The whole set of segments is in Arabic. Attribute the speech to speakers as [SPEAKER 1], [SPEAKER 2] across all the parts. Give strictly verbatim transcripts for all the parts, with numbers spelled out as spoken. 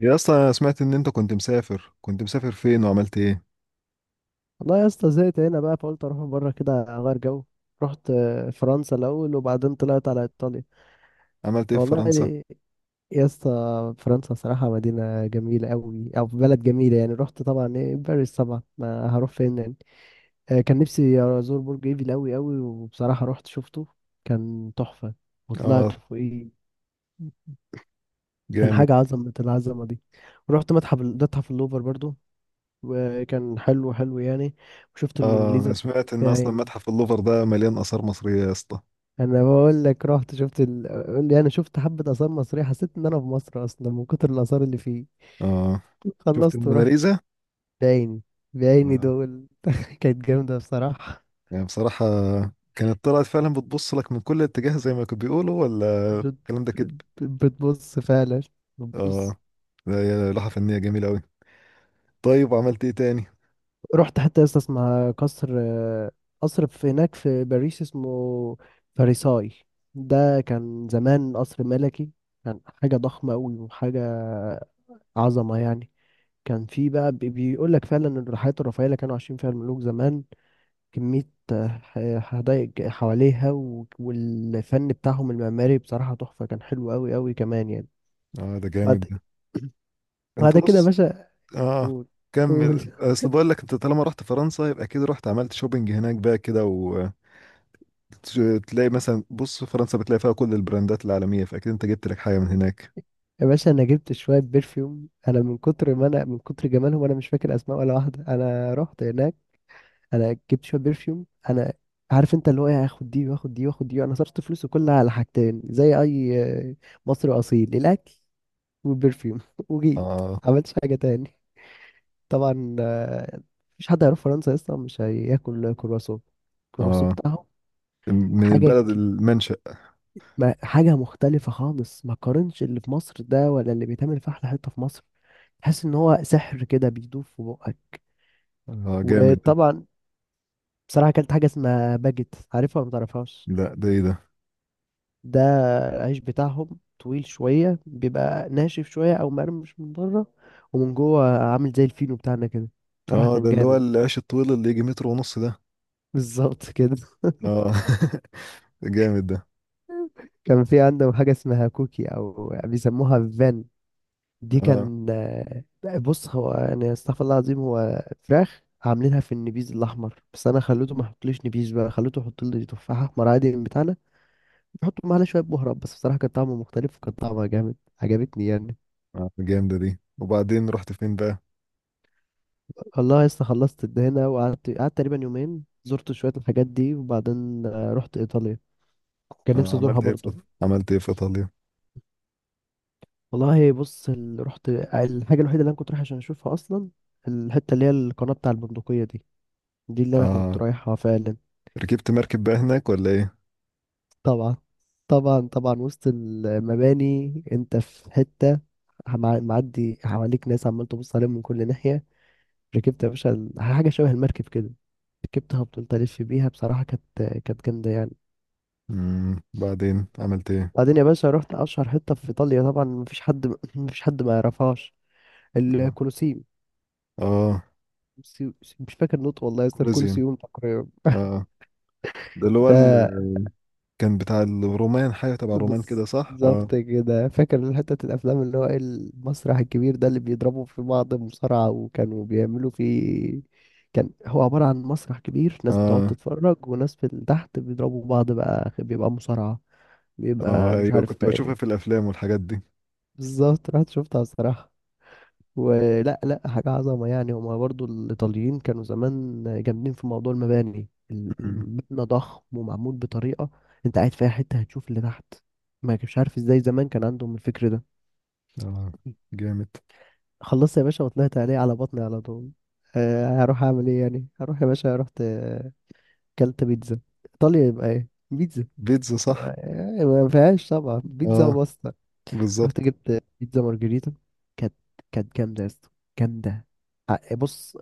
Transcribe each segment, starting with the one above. [SPEAKER 1] يا اسطى، انا سمعت ان انت كنت مسافر كنت مسافر فين وعملت ايه؟
[SPEAKER 2] والله يا اسطى زهقت هنا بقى، فقلت اروح بره كده اغير جو. رحت آه، فرنسا الاول، وبعدين طلعت على ايطاليا.
[SPEAKER 1] عملت ايه في
[SPEAKER 2] والله
[SPEAKER 1] فرنسا؟
[SPEAKER 2] يا اسطى، فرنسا صراحه مدينه جميله قوي او بلد جميله يعني. رحت طبعا ايه، باريس طبعا، ما هروح فين يعني. آه، كان نفسي ازور برج ايفل قوي قوي، وبصراحه رحت شفته، كان تحفه،
[SPEAKER 1] اه،
[SPEAKER 2] وطلعت فوقيه. كان
[SPEAKER 1] جامد.
[SPEAKER 2] حاجه عظمه العظمه دي. ورحت متحف متحف اللوفر برضو، وكان حلو حلو يعني، وشفت
[SPEAKER 1] اه، انا
[SPEAKER 2] الموناليزا
[SPEAKER 1] سمعت ان اصلا
[SPEAKER 2] بعيني.
[SPEAKER 1] متحف اللوفر ده مليان اثار مصرية يا اسطى.
[SPEAKER 2] انا بقول لك رحت شفت ال... قول لي، انا شفت حبة آثار مصرية، حسيت ان انا في مصر اصلا من كتر الآثار اللي فيه.
[SPEAKER 1] اه، شفت
[SPEAKER 2] خلصت ورحت.
[SPEAKER 1] الموناليزا.
[SPEAKER 2] بعيني، بعيني
[SPEAKER 1] آه.
[SPEAKER 2] دول كانت جامدة بصراحة.
[SPEAKER 1] يعني بصراحة، كانت طلعت فعلا بتبص لك من كل اتجاه زي ما كانوا بيقولوا، ولا
[SPEAKER 2] بت...
[SPEAKER 1] الكلام ده كده؟
[SPEAKER 2] بت... بتبص فعلا،
[SPEAKER 1] اه،
[SPEAKER 2] بتبص.
[SPEAKER 1] لا، يا لوحة فنية جميلة قوي. طيب، وعملت ايه تاني؟
[SPEAKER 2] رحت حتى لسه اسمع قصر، آه، قصر في هناك في باريس اسمه فارساي. ده كان زمان قصر ملكي، كان حاجة ضخمة أوي وحاجة عظمة يعني. كان في بقى بي- بيقول لك فعلا ان الحياة الرفاهية اللي كانوا عايشين فيها الملوك زمان، كمية ح- حدائق حواليها و- والفن بتاعهم المعماري بصراحة تحفة، كان حلو أوي أوي كمان يعني.
[SPEAKER 1] اه، ده جامد
[SPEAKER 2] بعد
[SPEAKER 1] ده. انت
[SPEAKER 2] بعد كده يا
[SPEAKER 1] بص.
[SPEAKER 2] باشا.
[SPEAKER 1] اه.
[SPEAKER 2] قول قول
[SPEAKER 1] كمل، اصل بقول لك انت طالما رحت فرنسا يبقى اكيد رحت عملت شوبينج هناك بقى كده و... ت- تلاقي مثلا، بص، فرنسا بتلاقي فيها كل البراندات العالمية، فأكيد أنت جبت لك حاجة من هناك.
[SPEAKER 2] يا باشا، أنا جبت شوية برفيوم، أنا من كتر ما أنا من كتر جمالهم أنا مش فاكر أسماء ولا واحدة. أنا رحت هناك، أنا جبت شوية برفيوم. أنا عارف انت اللي هو ايه، هاخد دي واخد دي واخد دي، انا صرفت فلوسي كلها على حاجتين، زي اي آه، مصري اصيل: الاكل وبرفيوم. وجيت.
[SPEAKER 1] آه.
[SPEAKER 2] عملتش حاجة تاني؟ طبعا، آه، مفيش حد هيروح فرنسا اصلا مش هياكل كرواسون. الكرواسون
[SPEAKER 1] آه،
[SPEAKER 2] بتاعهم
[SPEAKER 1] من
[SPEAKER 2] حاجة
[SPEAKER 1] البلد
[SPEAKER 2] ك-
[SPEAKER 1] المنشأ.
[SPEAKER 2] ما- حاجة مختلفة خالص، ما قارنش اللي في مصر ده ولا اللي بيتعمل في أحلى حتة في مصر. تحس إن هو سحر كده بيدوب في بقك.
[SPEAKER 1] آه، جامد.
[SPEAKER 2] وطبعا بصراحة أكلت حاجة اسمها باجيت، عارفها ولا متعرفهاش؟
[SPEAKER 1] لا، ده إيه ده؟
[SPEAKER 2] ده العيش بتاعهم طويل شوية، بيبقى ناشف شوية أو مقرمش من بره، ومن جوه عامل زي الفينو بتاعنا كده. بصراحة
[SPEAKER 1] آه،
[SPEAKER 2] كان
[SPEAKER 1] ده اللي هو
[SPEAKER 2] جامد.
[SPEAKER 1] العيش الطويل اللي يجي متر ونص ده؟
[SPEAKER 2] بالظبط كده.
[SPEAKER 1] آه، جامد ده.
[SPEAKER 2] كان في عندهم حاجة اسمها كوكي أو بيسموها فان، دي
[SPEAKER 1] آه.
[SPEAKER 2] كان آه، بص، هو يعني استغفر الله العظيم، هو فراخ عاملينها في النبيذ الأحمر، بس أنا خليته ما يحطليش نبيذ بقى، خليته يحط لي تفاحة أحمر عادي من بتاعنا، يحطوا معاها شوية بهارات بس. بصراحة كان طعمه مختلف وكان طعمها جامد، عجبتني يعني.
[SPEAKER 1] آه، جامدة دي. وبعدين رحت فين بقى؟
[SPEAKER 2] والله لسه خلصت الدهنة. وقعدت قعدت تقريبا يومين، زرت شوية الحاجات دي، وبعدين آه، رحت إيطاليا، كان
[SPEAKER 1] آه،
[SPEAKER 2] نفسي أزورها
[SPEAKER 1] عملت إيه
[SPEAKER 2] برضو.
[SPEAKER 1] في عملت إيه في إيطاليا؟
[SPEAKER 2] والله بص، ال- رحت الحاجة الوحيدة اللي أنا كنت رايح عشان أشوفها أصلا، الحتة اللي هي القناة بتاع البندقية دي، دي اللي أنا كنت
[SPEAKER 1] آه،
[SPEAKER 2] رايحها فعلا.
[SPEAKER 1] ركبت مركب بقى هناك ولا إيه؟
[SPEAKER 2] طبعا طبعا طبعا، وسط المباني أنت في حتة، مع- معدي حواليك ناس عمال تبص عليهم من كل ناحية. ركبت يا باشا ال- حاجة شبه المركب كده، ركبتها وفضلت ألف بيها. بصراحة كانت كانت جامدة يعني.
[SPEAKER 1] مم. بعدين عملت إيه؟
[SPEAKER 2] بعدين يا باشا رحت أشهر حتة في إيطاليا، طبعا مفيش حد مفيش حد ما يعرفهاش:
[SPEAKER 1] آه،
[SPEAKER 2] الكولوسيوم.
[SPEAKER 1] آه،
[SPEAKER 2] سيو- مش فاكر نطق والله يا اسطى،
[SPEAKER 1] كولوزيوم.
[SPEAKER 2] الكولوسيوم تقريبا.
[SPEAKER 1] آه، ده اللي هو ال-
[SPEAKER 2] ده
[SPEAKER 1] كان بتاع الرومان، حاجة تبع الرومان كده صح؟ اه.
[SPEAKER 2] بالظبط كده، فاكر حتة الأفلام اللي هو إيه، المسرح الكبير ده اللي بيضربوا في بعض مصارعة وكانوا بيعملوا فيه. كان هو عبارة عن مسرح كبير، ناس بتقعد
[SPEAKER 1] اه،
[SPEAKER 2] تتفرج وناس في تحت بيضربوا بعض بقى، بيبقى مصارعة،
[SPEAKER 1] اه،
[SPEAKER 2] بيبقى مش
[SPEAKER 1] ايوه،
[SPEAKER 2] عارف
[SPEAKER 1] كنت بشوفها في
[SPEAKER 2] ايه.
[SPEAKER 1] الافلام والحاجات دي.
[SPEAKER 2] بالظبط، رحت شفتها الصراحة. ولا، لا، حاجة عظمة يعني. هما برضو الإيطاليين كانوا زمان جامدين في موضوع المباني. ال-
[SPEAKER 1] مم.
[SPEAKER 2] المبنى ضخم ومعمول بطريقة، أنت قاعد في أي حتة هتشوف اللي تحت. ما مش عارف إزاي زمان كان عندهم الفكر ده.
[SPEAKER 1] اه، جامد.
[SPEAKER 2] خلصت يا باشا وطلعت عليه على بطني على طول. أه، هروح أعمل إيه يعني؟ هروح يا باشا رحت آه، كلت بيتزا. إيطاليا يبقى إيه؟ بيتزا.
[SPEAKER 1] بيتزا صح؟
[SPEAKER 2] آه، ما فيهاش طبعا، بيتزا
[SPEAKER 1] اه،
[SPEAKER 2] وباستا. رحت
[SPEAKER 1] بالظبط.
[SPEAKER 2] جبت بيتزا مارجريتا، كانت كانت جامدة يا اسطى، جامدة. ع- بص،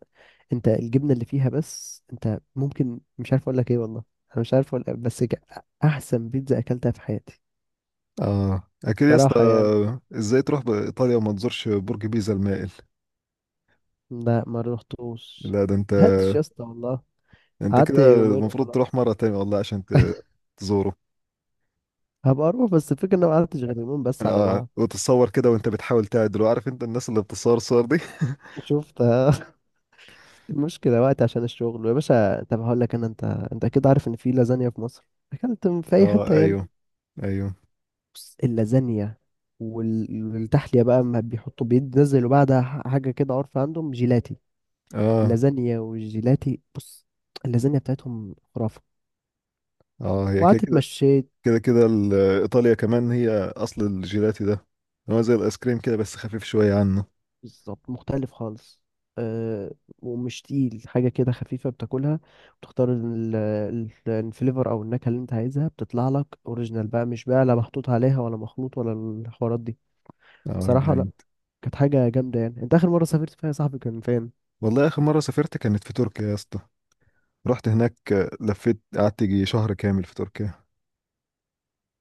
[SPEAKER 2] انت الجبنه اللي فيها بس، انت ممكن مش عارف اقول لك ايه والله. انا مش عارف اقول إيه، بس ك- احسن بيتزا اكلتها في حياتي
[SPEAKER 1] اه، اكيد يا اسطى.
[SPEAKER 2] صراحه يعني.
[SPEAKER 1] ازاي تروح بايطاليا وما تزورش برج بيزا المائل؟
[SPEAKER 2] لا، ما روحتوش،
[SPEAKER 1] لا، ده انت.
[SPEAKER 2] ما لحقتش يا اسطى والله.
[SPEAKER 1] انت
[SPEAKER 2] قعدت
[SPEAKER 1] كده
[SPEAKER 2] يومين
[SPEAKER 1] المفروض تروح
[SPEAKER 2] وخلاص.
[SPEAKER 1] مرة تانية والله عشان ت- تزوره.
[SPEAKER 2] هبقى اروح، بس الفكره ان انا ما قعدتش غير يومين بس على
[SPEAKER 1] اه،
[SPEAKER 2] بعض.
[SPEAKER 1] وتتصور كده وانت بتحاول تعدل، عارف انت الناس اللي بتصور الصور دي.
[SPEAKER 2] شفت المشكله، وقت عشان الشغل يا باشا. طب هقول لك انا، انت انت كده عارف ان في لازانيا في مصر، اكلت من- في اي
[SPEAKER 1] اه،
[SPEAKER 2] حته يعني.
[SPEAKER 1] ايوه، ايوه.
[SPEAKER 2] بص، اللازانيا وال- والتحليه بقى، ما بيحطوا بينزلوا بعدها حاجه كده، عارفه، عندهم جيلاتي.
[SPEAKER 1] اه.
[SPEAKER 2] اللازانيا والجيلاتي، بص، اللازانيا بتاعتهم خرافة.
[SPEAKER 1] اه، هي كده.
[SPEAKER 2] وقعدت اتمشيت.
[SPEAKER 1] كده كده ال- ايطاليا كمان هي. اصل الجيلاتي ده هو زي الايس كريم كده، بس خفيف شويه عنه.
[SPEAKER 2] بالظبط مختلف خالص. أه، ومش تقيل، حاجة كده خفيفة بتاكلها، بتختار ال- ال- الفليفر أو النكهة اللي أنت عايزها، بتطلع لك أوريجينال بقى، مش بقى لا محطوط عليها ولا مخلوط ولا الحوارات دي.
[SPEAKER 1] اه،
[SPEAKER 2] بصراحة لأ،
[SPEAKER 1] جامد.
[SPEAKER 2] كانت حاجة جامدة يعني. أنت آخر مرة سافرت فيها يا صاحبي كان فين؟
[SPEAKER 1] والله اخر مره سافرت كانت في تركيا يا اسطى. رحت هناك، لفيت، قعدت يجي شهر كامل في تركيا.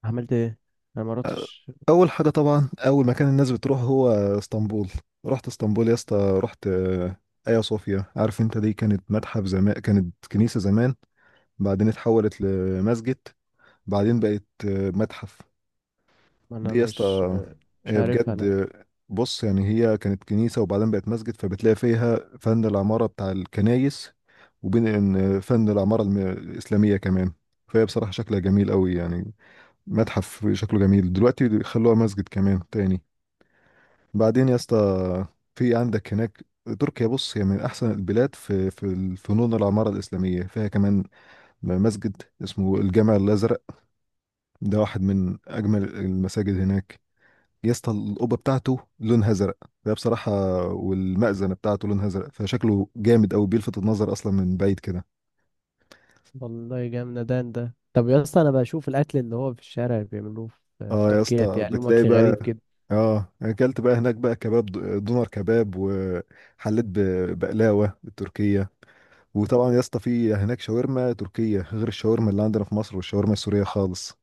[SPEAKER 2] عملت إيه؟ أنا مراتش،
[SPEAKER 1] اول حاجه طبعا، اول مكان الناس بتروح هو اسطنبول. رحت اسطنبول يا اسطى. رحت آه، ايا صوفيا. عارف انت، دي كانت متحف زمان، كانت كنيسه زمان. بعدين اتحولت لمسجد. بعدين بقت آه، متحف.
[SPEAKER 2] ما أنا
[SPEAKER 1] دي يا اسطى،
[SPEAKER 2] مش مش
[SPEAKER 1] آه، بجد.
[SPEAKER 2] عارفها.
[SPEAKER 1] آه، بص، يعني هي كانت كنيسة وبعدين بقت مسجد، فبتلاقي فيها فن العمارة بتاع الكنايس. وبين إن فن العمارة الم- الإسلامية كمان. فهي بصراحة شكلها جميل قوي يعني. متحف شكله جميل دلوقتي، خلوها مسجد كمان تاني. بعدين يا اسطى، في عندك هناك، تركيا بص، هي من أحسن البلاد في في فنون العمارة الإسلامية فيها كمان. مسجد اسمه الجامع الأزرق، ده واحد من أجمل المساجد هناك. يا اسطى، القبه بتاعته لونها ازرق، ده بصراحه، والمأذنه بتاعته لونها ازرق، فشكله جامد قوي بيلفت النظر اصلا من بعيد كده.
[SPEAKER 2] والله جامدان ده. طب يا اسطى، انا بشوف الاكل اللي هو في الشارع اللي بيعملوه في في
[SPEAKER 1] اه، يا
[SPEAKER 2] تركيا،
[SPEAKER 1] اسطى
[SPEAKER 2] بيعملوه
[SPEAKER 1] بتلاقي
[SPEAKER 2] اكل
[SPEAKER 1] بقى،
[SPEAKER 2] غريب كده
[SPEAKER 1] اه، اكلت بقى هناك بقى كباب، د- دونر كباب، وحليت ب- بقلاوه التركيه. وطبعا يا اسطى، في هناك شاورما تركيه غير الشاورما اللي عندنا في مصر والشاورما السوريه خالص.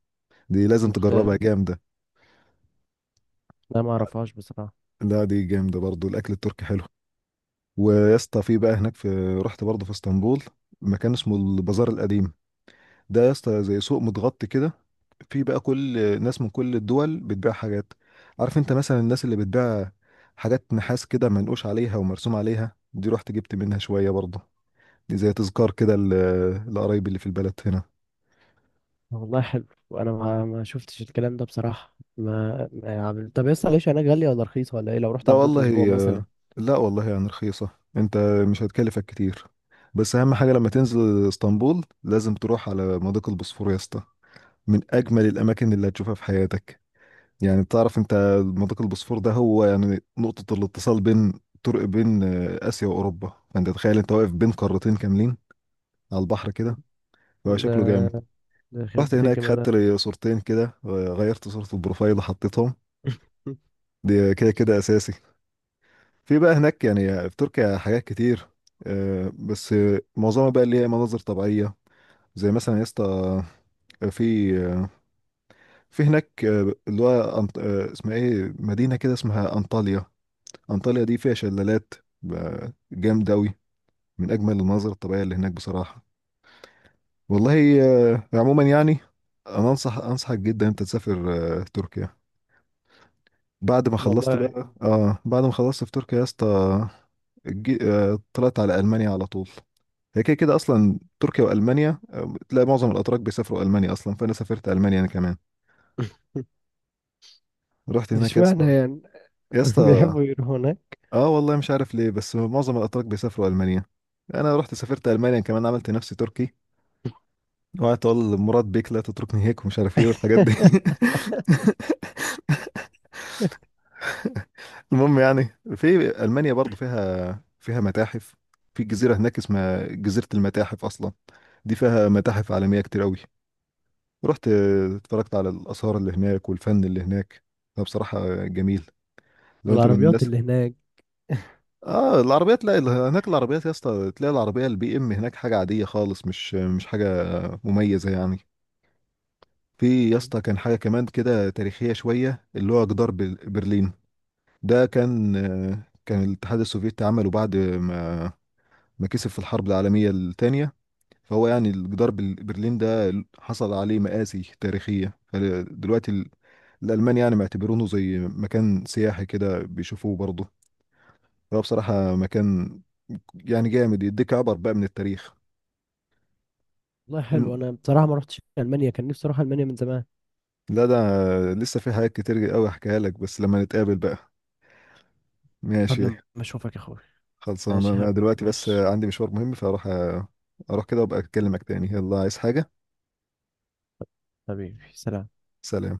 [SPEAKER 1] دي لازم تجربها،
[SPEAKER 2] مختلف.
[SPEAKER 1] جامده.
[SPEAKER 2] لا، ما اعرفهاش بصراحه.
[SPEAKER 1] لا، دي جامده برضو. الاكل التركي حلو. ويا اسطى، في بقى هناك في رحت برضه في اسطنبول مكان اسمه البازار القديم. ده يا اسطى زي سوق متغطي كده. في بقى كل ناس من كل الدول بتبيع حاجات. عارف انت، مثلا الناس اللي بتبيع حاجات نحاس كده منقوش عليها ومرسوم عليها، دي رحت جبت منها شوية برضه. دي زي تذكار كده ل- لقرايبي اللي في البلد هنا.
[SPEAKER 2] والله حلو، وانا ما ما شفتش الكلام ده بصراحه، ما ما عمل- طب يا اسطى، العيش هناك غاليه ولا رخيصه ولا ايه لو رحت
[SPEAKER 1] ده
[SPEAKER 2] عديت اسبوع
[SPEAKER 1] والله.
[SPEAKER 2] مثلا؟
[SPEAKER 1] آه، لا، والله يعني رخيصة. انت مش هتكلفك كتير. بس اهم حاجة، لما تنزل اسطنبول لازم تروح على مضيق البوسفور يا اسطى، من اجمل الاماكن اللي هتشوفها في حياتك. يعني بتعرف انت، منطقة البوسفور ده هو يعني نقطة الاتصال بين طرق بين آه، آسيا وأوروبا. فانت تخيل انت واقف بين قارتين كاملين على البحر كده، هو
[SPEAKER 2] ده
[SPEAKER 1] شكله جامد.
[SPEAKER 2] ده يخرب
[SPEAKER 1] رحت
[SPEAKER 2] بيت
[SPEAKER 1] هناك،
[SPEAKER 2] الجمال
[SPEAKER 1] خدت
[SPEAKER 2] ده.
[SPEAKER 1] لي صورتين كده، آه، غيرت صورة البروفايل وحطيتهم. دي كده كده أساسي. في بقى هناك يعني، في تركيا حاجات كتير، آه، بس آه، معظمها بقى اللي هي مناظر طبيعية. زي مثلا يا اسطى، آه، في آه، في هناك آه، اللي هو أنط- آه، اسمها ايه، مدينة كده اسمها أنطاليا. أنطاليا دي فيها شلالات، ب- جامد أوي. من أجمل المناظر الطبيعية اللي هناك بصراحة، والله. آه، عموما يعني، أنا أنصح أنصحك جدا أنت تسافر آه، تركيا. بعد ما خلصت
[SPEAKER 2] والله.
[SPEAKER 1] بقى آه بعد ما خلصت في تركيا يا اسطى، جي- آه، طلعت على ألمانيا على طول. هي كده كده أصلا، تركيا وألمانيا، آه، تلاقي معظم الأتراك بيسافروا ألمانيا أصلا، فأنا سافرت ألمانيا أنا كمان. رحت هناك يا اسطى.
[SPEAKER 2] اشمعنى يعني؟
[SPEAKER 1] يا اسطى،
[SPEAKER 2] بيحبوا يروحوا هناك.
[SPEAKER 1] آه، والله مش عارف ليه، بس معظم الأتراك بيسافروا ألمانيا. أنا رحت سافرت ألمانيا كمان، عملت نفسي تركي. اوعى تقول مراد بيك لا تتركني هيك ومش عارف ايه والحاجات دي. المهم يعني، في المانيا برضو فيها فيها متاحف. في جزيره هناك اسمها جزيره المتاحف اصلا، دي فيها متاحف عالميه كتير قوي. رحت اتفرجت على الاثار اللي هناك والفن اللي هناك، فبصراحه جميل لو انت من
[SPEAKER 2] والعربيات
[SPEAKER 1] الناس.
[SPEAKER 2] اللي هناك.
[SPEAKER 1] اه، العربيات، لا. ال- هناك العربيات يا اسطى، تلاقي العربيه البي ام هناك حاجه عاديه خالص، مش مش حاجه مميزه يعني. في يا اسطى كان حاجه كمان كده تاريخيه شويه، اللي هو جدار بل- برلين. ده كان، كان الاتحاد السوفيتي عمله بعد ما ما كسب في الحرب العالمية الثانية. فهو يعني جدار بل- برلين ده حصل عليه مآسي تاريخية، فدلوقتي ال- الألمان يعني معتبرونه زي مكان سياحي كده، بيشوفوه برضه. فهو بصراحة مكان يعني جامد، يديك عبر بقى من التاريخ.
[SPEAKER 2] والله حلو،
[SPEAKER 1] لم-
[SPEAKER 2] انا بصراحه ما رحتش المانيا، كان نفسي اروح المانيا من زمان،
[SPEAKER 1] لا، ده لسه في حاجات كتير قوي احكيها لك بس لما نتقابل بقى. ماشي.
[SPEAKER 2] قبل ما اشوفك يا اخوي.
[SPEAKER 1] خلصان،
[SPEAKER 2] ماشي يا
[SPEAKER 1] انا
[SPEAKER 2] حبيبي،
[SPEAKER 1] دلوقتي بس
[SPEAKER 2] ماشي.
[SPEAKER 1] عندي مشوار مهم، فاروح أ- اروح كده وابقى اكلمك تاني. يلا، عايز حاجة؟
[SPEAKER 2] حبيبي سلام.
[SPEAKER 1] سلام.